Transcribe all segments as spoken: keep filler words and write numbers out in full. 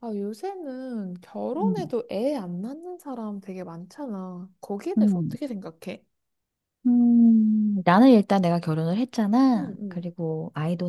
아, 요새는 음, 결혼해도 애 안 낳는 사람 되게 많잖아. 거기에 대해서 음, 어떻게 생각해? 음, 나는 일단 내가 결혼을 했잖아. 응, 응, 그리고 아이도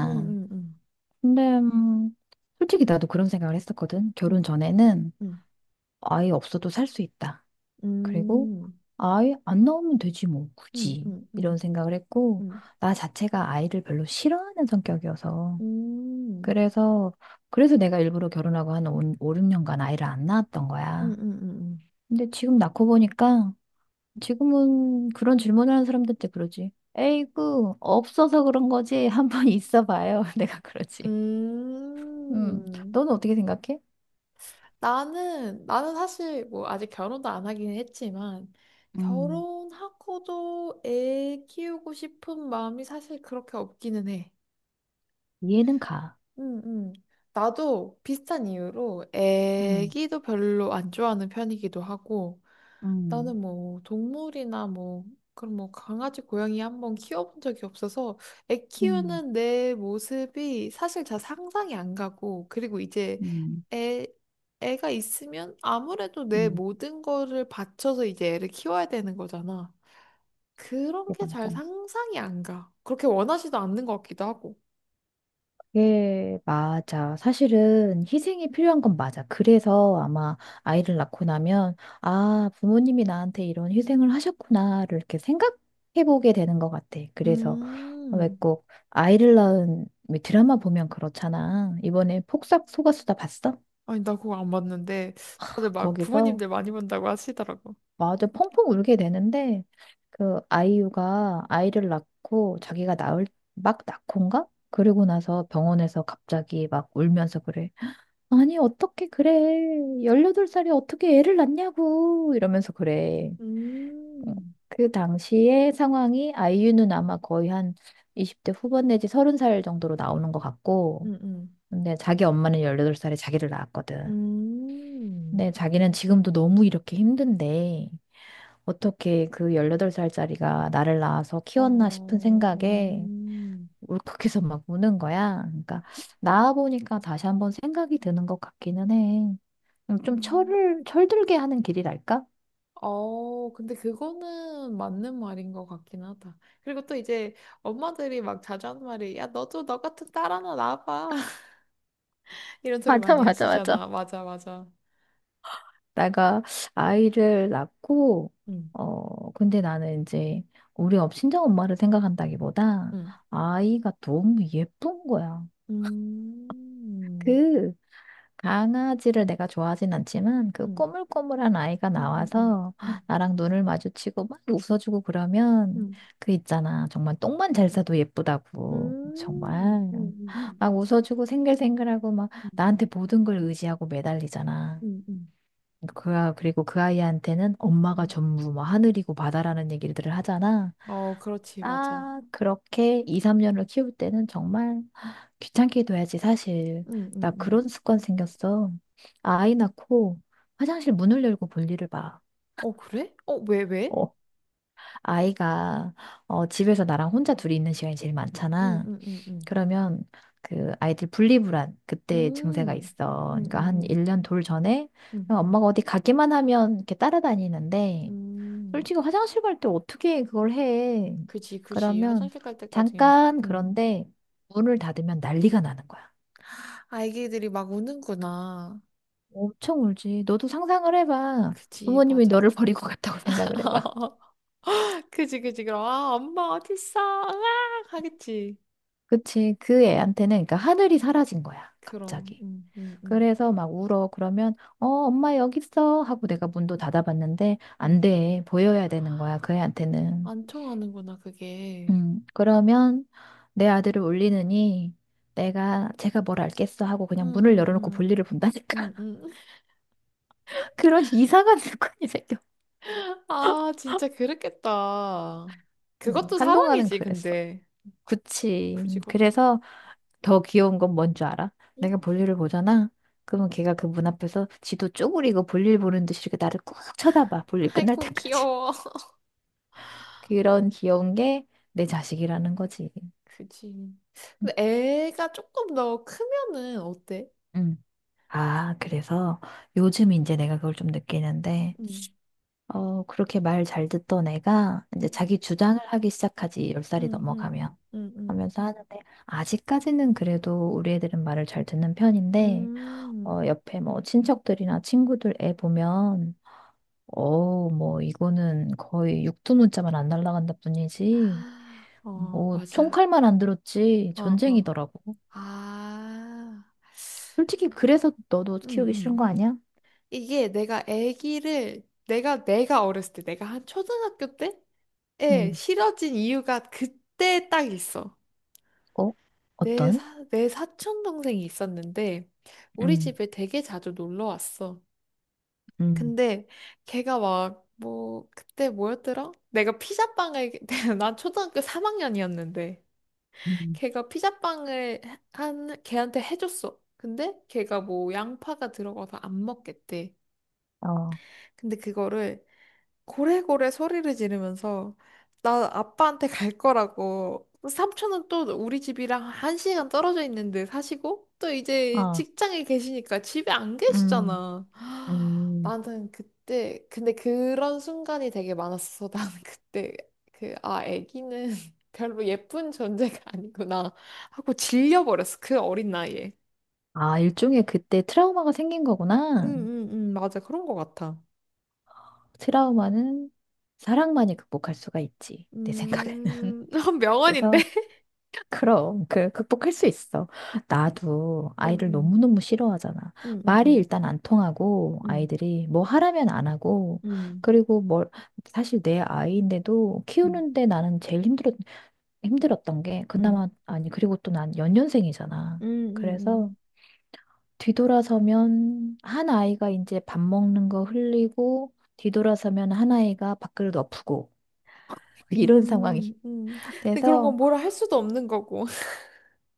응, 응, 응, 근데, 음, 솔직히 나도 그런 생각을 했었거든. 결혼 전에는 응, 아이 없어도 살 수 있다. 응, 그리고 응, 아이 안 나오면 되지 뭐, 응, 굳이. 응, 이런 응, 생각을 했고, 응, 나 자체가 아이를 별로 싫어하는 성격이어서. 응, 그래서, 그래서 내가 일부러 결혼하고 한 오, 육 년간 아이를 안 낳았던 응, 거야. 응, 응. 근데 지금 낳고 보니까 지금은 그런 질문을 하는 사람들한테 그러지. 에이구, 없어서 그런 거지. 한번 있어 봐요. 내가 그러지. 음, 음. 너는 어떻게 생각해? 나는, 나는 사실 뭐 아직 결혼도 안 하긴 했지만, 음, 결혼하고도 애 키우고 싶은 마음이 사실 그렇게 없기는 해. 이해는 가. 음, 음. 나도 비슷한 이유로 음, 애기도 별로 안 좋아하는 편이기도 하고 음, 나는 뭐 동물이나 뭐 그런 뭐 강아지 고양이 한번 키워본 적이 없어서 애 음, 키우는 내 모습이 사실 잘 상상이 안 가고 그리고 이제 음, 음, 애 애가 있으면 아무래도 내 음. 모든 거를 바쳐서 이제 애를 키워야 되는 거잖아. 그런 게 잘 맞아. 상상이 안 가. 그렇게 원하지도 않는 것 같기도 하고. 예, 맞아. 사실은 희생이 필요한 건 맞아. 그래서 아마 아이를 낳고 나면, 아, 부모님이 나한테 이런 희생을 하셨구나를 이렇게 생각해보게 되는 것 같아. 그래서 왜 음. 꼭 아이를 낳은 왜 드라마 보면 그렇잖아. 이번에 폭삭 속았수다 봤어? 아니, 나 그거 안 봤는데, 다들 막 거기서 부모님들 많이 본다고 하시더라고. 맞아 펑펑 울게 되는데 그 아이유가 아이를 낳고 자기가 낳을 막 낳고인가? 그리고 나서 병원에서 갑자기 막 울면서 그래. 아니, 어떻게 그래. 열여덟 살이 어떻게 애를 낳냐고. 이러면서 그래. 어, 음, 그 당시의 상황이 아이유는 아마 거의 한 이십 대 후반 내지 서른 살 정도로 나오는 것 같고. 음, 음, 근데 자기 엄마는 열여덟 살에 자기를 낳았거든. 음, 근데 자기는 지금도 너무 이렇게 힘든데 어떻게 그 열여덟 살짜리가 나를 낳아서 키웠나 싶은 어, 생각에 음, 울컥해서 막 우는 거야. 그러니까 낳아보니까 다시 한번 생각이 드는 것 같기는 해. 어, 좀 음. 철을, 철들게 하는 길이랄까? 어, 근데 그거는 맞는 말인 것 같긴 하다. 그리고 또 이제 엄마들이 막 자주 하는 말이, 야, 너도 너 같은 딸 하나 낳봐 이런 소리 맞아, 많이 맞아, 맞아. 하시잖아. 맞아, 맞아. 내가 아이를 낳고, 음, 어, 근데 나는 이제 우리 업- 친정 엄마를 생각한다기보다 음, 아이가 너무 예쁜 거야. 음, 그 강아지를 내가 좋아하진 않지만 그 음, 꼬물꼬물한 아이가 음, 음, 음, 나와서 음, 나랑 눈을 마주치고 막 웃어주고 그러면 음, 그 있잖아. 정말 똥만 잘 싸도 음, 예쁘다고. 음, 정말 음, 음, 막 음. 웃어주고 생글생글하고 막 음, 나한테 모든 걸 의지하고 매달리잖아. 음, 음, 그, 아- 그리고 그 아이한테는 엄마가 음, 전부 뭐 하늘이고 바다라는 얘기들을 하잖아. 어, 그렇지, 맞아. 아, 그렇게 이, 삼 년을 키울 때는 정말 귀찮게 둬야지, 사실. 음, 음, 나 음. 그런 습관 생겼어. 아이 낳고 화장실 문을 열고 볼일을 봐. 어, 그래? 어, 왜, 왜? 어, 아이가 어, 집에서 나랑 혼자 둘이 있는 시간이 제일 음, 많잖아. 음, 음, 음. 그러면 그 아이들 분리불안 그때 증세가 음, 있어. 음, 그러니까 음, 한 음, 일 년 돌 전에 음, 음, 엄마가 어디 가기만 하면 이렇게 따라다니는데 음. 솔직히 화장실 갈 때 어떻게 그걸 해? 그지, 그지. 그러면 화장실 갈 때까지. 잠깐 음. 그런데 문을 닫으면 난리가 나는 거야. 아기들이 막 우는구나. 엄청 울지. 너도 상상을 해봐. 그지, 부모님이 너를 맞아. 버리고 갔다고 생각을 해봐. 그지, 그지. 그럼, 아, 엄마 어딨어? 으악! 하겠지. 그치. 그 애한테는 그러니까 하늘이 사라진 거야. 그럼, 갑자기. 음, 음, 음, 그래서 막 울어. 그러면 어 엄마 여기 있어 하고 내가 문도 닫아봤는데 안 음. 돼. 보여야 되는 거야. 그 애한테는. 안 통하는구나, 그게. 음, 그러면 내 아들을 울리느니 내가 제가 뭘 알겠어 하고 음, 그냥 문을 음, 열어놓고 음. 볼일을 본다니까. 음, 음, 그런 이상한 습관이 생겨. 아, 진짜 그렇겠다. 어, 그것도 한동안은 사랑이지, 그랬어. 근데. 그치. 굳이 그것도 그래서 더 귀여운 건 뭔 줄 알아? 사랑이? 내가 볼일을 보잖아. 그러면 걔가 그 문 앞에서 지도 쪼그리고 볼일 보는 듯이 이렇게 나를 꾹 쳐다봐. 볼일 끝날 아이고, 때까지. 귀여워. 그런 귀여운 게 내 자식이라는 거지. 그지. 근데 애가 조금 더 크면은 어때? 음. 아, 그래서 요즘 이제 내가 그걸 좀 느끼는데 응, 어, 그렇게 말 잘 듣던 애가 응, 이제 자기 주장을 하기 시작하지, 열 살이 응, 응, 넘어가면. 응, 응. 하면서 하는데, 아직까지는 그래도 우리 애들은 말을 잘 듣는 편인데, 음. 어, 옆에 뭐 친척들이나 친구들 애 보면, 어, 뭐 이거는 거의 육두문자만 안 날라간다 뿐이지, 아, 어, 뭐 맞아. 총칼만 안 들었지, 어, 어. 전쟁이더라고. 아, 솔직히 그래서 너도 응, 키우기 싫은 거 응. 아니야? 이게 내가 애기를, 내가, 내가 어렸을 때, 내가 한 초등학교 때? 에 음, 실어진 이유가 그때 딱 있어. 어? 내 어떤? 사, 내 사촌 동생이 있었는데 우리 음, 집에 되게 자주 놀러 왔어. 음, 근데 걔가 막 뭐 그때 뭐였더라? 내가 피자빵을 난 초등학교 삼 학년이었는데 음. 걔가 피자빵을 한 걔한테 해줬어. 근데 걔가 뭐 양파가 들어가서 안 먹겠대. 어, 근데 그거를 고래고래 소리를 지르면서 나 아빠한테 갈 거라고 삼촌은 또 우리 집이랑 한 시간 떨어져 있는데 사시고 또 이제 어, 직장에 계시니까 집에 안 음. 계시잖아. 음, 나는 그때 근데 그런 순간이 되게 많았어. 나는 그때 그 아 애기는 별로 예쁜 존재가 아니구나 하고 질려버렸어. 그 어린 나이에. 아, 일종의 그때 트라우마가 생긴 거구나. 응응응 맞아 그런 거 같아. 트라우마는 사랑만이 극복할 수가 있지. 내 생각에는. 음 명언인데. 그래서, 그럼, 그, 극복할 수 있어. 나도 아이를 응응 너무너무 싫어하잖아. 응응응 말이 일단 안 통하고, 음, 아이들이 뭐 하라면 안 하고, 음, 그리고 뭘, 사실 내 아이인데도 음, 키우는데 나는 제일 힘들었, 힘들었던 게, 음, 그나마, 아니, 그리고 또 난 연년생이잖아. 음, 그래서, 음, 뒤돌아서면 한 아이가 이제 밥 먹는 거 흘리고 뒤돌아서면 한 아이가 밥그릇 엎고 이런 상황이 음, 음. 음. 근데 그런 건 돼서 뭐라 할 수도 없는 거고.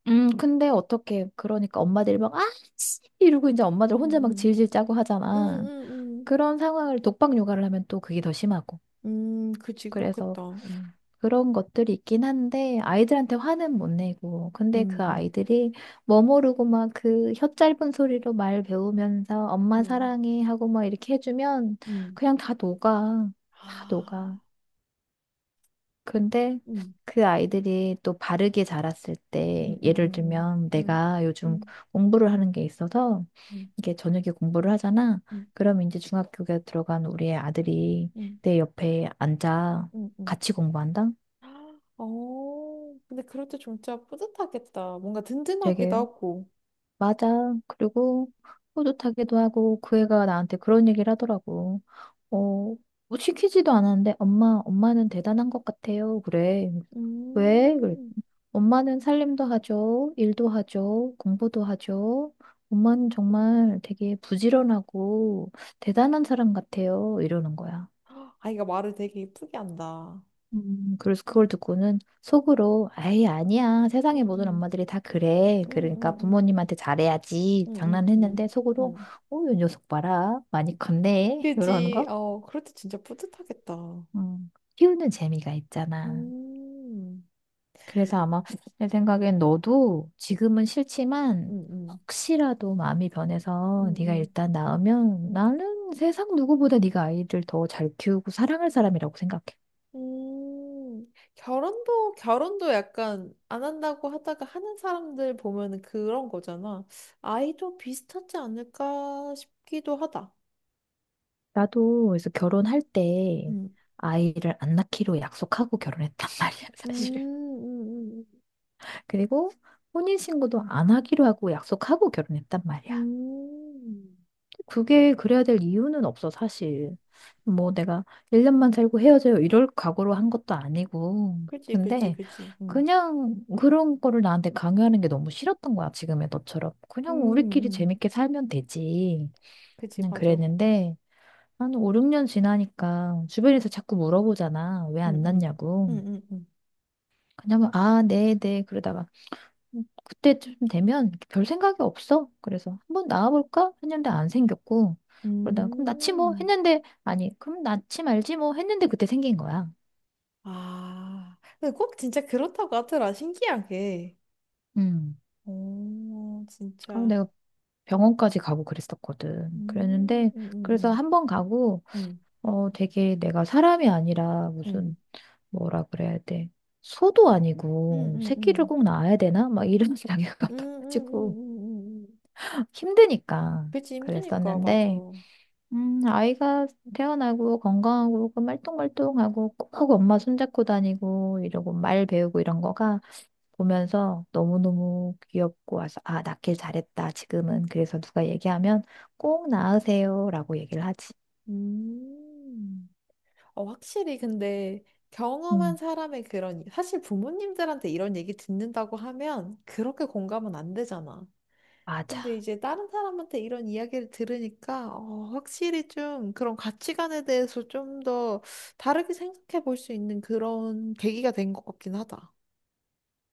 음 근데 어떻게 그러니까 엄마들이 막 아씨 이러고 이제 엄마들 혼자 막 음, 질질 짜고 음, 하잖아. 음, 음, 그런 상황을 독박 육아를 하면 또 그게 더 심하고. 음. 음, 그치, 그래서 그렇겠다. 음, 그런 것들이 있긴 한데 아이들한테 화는 못 내고 근데 음, 그 음, 아이들이 뭐 모르고 막 그 혀 짧은 소리로 말 배우면서 엄마 음, 사랑해 하고 막 이렇게 해주면 음, 그냥 다 녹아 다 아, 녹아. 근데 음, 그 아이들이 또 바르게 자랐을 음, 때 예를 음, 음, 들면 음, 내가 요즘 음, 공부를 하는 게 있어서 음, 이게 저녁에 공부를 하잖아. 음, 그럼 이제 중학교에 들어간 우리의 아들이 음, 내 옆에 앉아 음. 음. 같이 공부한다. 아, 어, 근데 그럴 때 진짜 뿌듯하겠다. 뭔가 든든하기도 되게 하고. 맞아. 그리고 뿌듯하기도 하고 그 애가 나한테 그런 얘기를 하더라고. 어, 뭐 시키지도 않았는데 엄마, 엄마는 대단한 것 같아요. 그래. 왜? 그랬 음, 엄마는 살림도 하죠. 일도 하죠. 공부도 하죠. 엄마는 정말 되게 부지런하고 대단한 사람 같아요. 이러는 거야. 아이가 말을 되게 이쁘게 한다. 음, 그래서 그걸 듣고는 속으로, 아이, 아니야. 세상의 응응 모든 엄마들이 다 그래. 그러니까 응응응 부모님한테 잘해야지. 응응응 장난했는데 속으로, 응. 오, 이 녀석 봐라. 많이 컸네. 이런 그지. 거. 어, 그럴 때 진짜 뿌듯하겠다. 음, 키우는 재미가 있잖아. 음. 그래서 아마 내 생각엔 너도 지금은 싫지만 응응 혹시라도 마음이 변해서 네가 응응 일단 낳으면 응. 나는 세상 누구보다 네가 아이를 더 잘 키우고 사랑할 사람이라고 생각해. 음. 결혼도 결혼도 약간 안 한다고 하다가 하는 사람들 보면은 그런 거잖아. 아이도 비슷하지 않을까 싶기도 하다. 나도 그래서 결혼할 때 음. 아이를 안 낳기로 약속하고 결혼했단 말이야, 음. 사실. 음. 그리고 혼인신고도 안 하기로 하고 약속하고 결혼했단 음. 말이야. 음. 그게 그래야 될 이유는 없어, 사실. 뭐 내가 일 년만 살고 헤어져요 이럴 각오로 한 것도 아니고. 그지 그지 근데 그지. 음. 그냥 그런 거를 나한테 강요하는 게 너무 싫었던 거야, 지금의 너처럼. 음. 그냥 우리끼리 음. 재밌게 살면 되지. 그지 그냥 맞아. 그랬는데 한 오, 육 년 지나니까 주변에서 자꾸 물어보잖아. 왜 안 응응 났냐고. 응응응 그냥 뭐, 아, 네, 네. 그러다가 음, 그때쯤 되면 별 생각이 없어. 그래서 한번 나와볼까? 했는데 안 생겼고. 그러다가 그럼 낳지 뭐 음. 했는데 아니, 그럼 낳지 말지 뭐 했는데 그때 생긴 거야. 아, 근데 꼭 진짜 그렇다고 하더라. 신기하게. 음. 오, 아, 진짜. 내가 병원까지 가고 그랬었거든. 음, 그랬는데 음, 그래서 음, 한번 가고 음, 어 되게 내가 사람이 아니라 음, 무슨 뭐라 그래야 돼. 소도 음, 아니고 음, 새끼를 음, 꼭 낳아야 되나? 막 이런 생각이 음, 음, 음, 가지고 음, 음. 음. 힘드니까 그치, 힘드니까, 그랬었는데 맞아. 음, 아이가 태어나고 건강하고 그 말똥말똥하고 꼭 하고 엄마 손잡고 다니고 이러고 말 배우고 이런 거가 보면서 너무너무 귀엽고 와서 아, 낳길 잘했다. 지금은 그래서 누가 얘기하면 꼭 낳으세요라고 얘기를 하지. 음. 어, 확실히 근데 경험한 음, 사람의 그런, 사실 부모님들한테 이런 얘기 듣는다고 하면 그렇게 공감은 안 되잖아. 근데 맞아. 이제 다른 사람한테 이런 이야기를 들으니까 어, 확실히 좀 그런 가치관에 대해서 좀 더 다르게 생각해 볼 수 있는 그런 계기가 된 것 같긴 하다.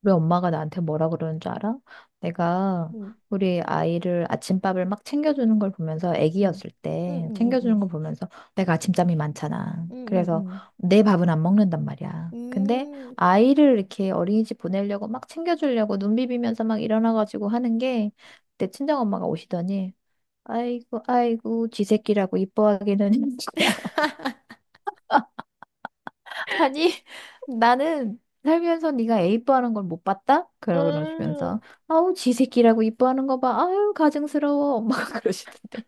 우리 엄마가 나한테 뭐라 그러는 줄 알아? 내가 응, 우리 아이를 아침밥을 막 챙겨주는 걸 보면서 응, 아기였을 응, 때 응, 챙겨주는 응, 걸 보면서 내가 아침잠이 많잖아. 응, 응, 그래서 응, 내 밥은 안 먹는단 말이야. 응. 근데 음, 아이를 이렇게 어린이집 보내려고 막 챙겨주려고 눈 비비면서 막 일어나가지고 하는 게 내 친정엄마가 오시더니 아이고 아이고 쥐 새끼라고 이뻐하기는 아니, 나는 살면서 네가 애 이뻐하는 걸 못 봤다? 음. 그러시면서 아우 지 새끼라고 이뻐하는 거 봐. 아유 가증스러워. 엄마가 그러시던데.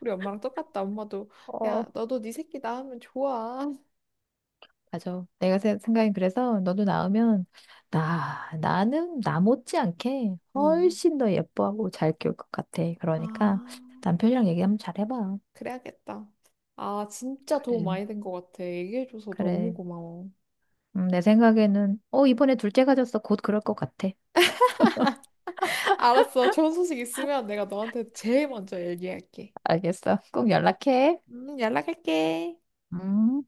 우리 엄마랑 똑같다. 엄마도 어, 야, 너도 네 새끼 낳으면 좋아. 맞아. 내가 세- 생각이 그래서 너도 낳으면 나 나는 나 못지않게 응. 훨씬 더 예뻐하고 잘 키울 것 같아. 그러니까 아, 남편이랑 얘기 한번 잘 해봐. 그래야겠다. 아, 진짜 도움 그래. 많이 된 것 같아. 얘기해줘서 너무 그래. 고마워. 음, 내 생각에는 어 이번에 둘째 가졌어. 곧 그럴 것 같아. 알았어. 좋은 소식 있으면 내가 너한테 제일 먼저 얘기할게. 알겠어. 꼭 연락해. 음, 연락할게. 음.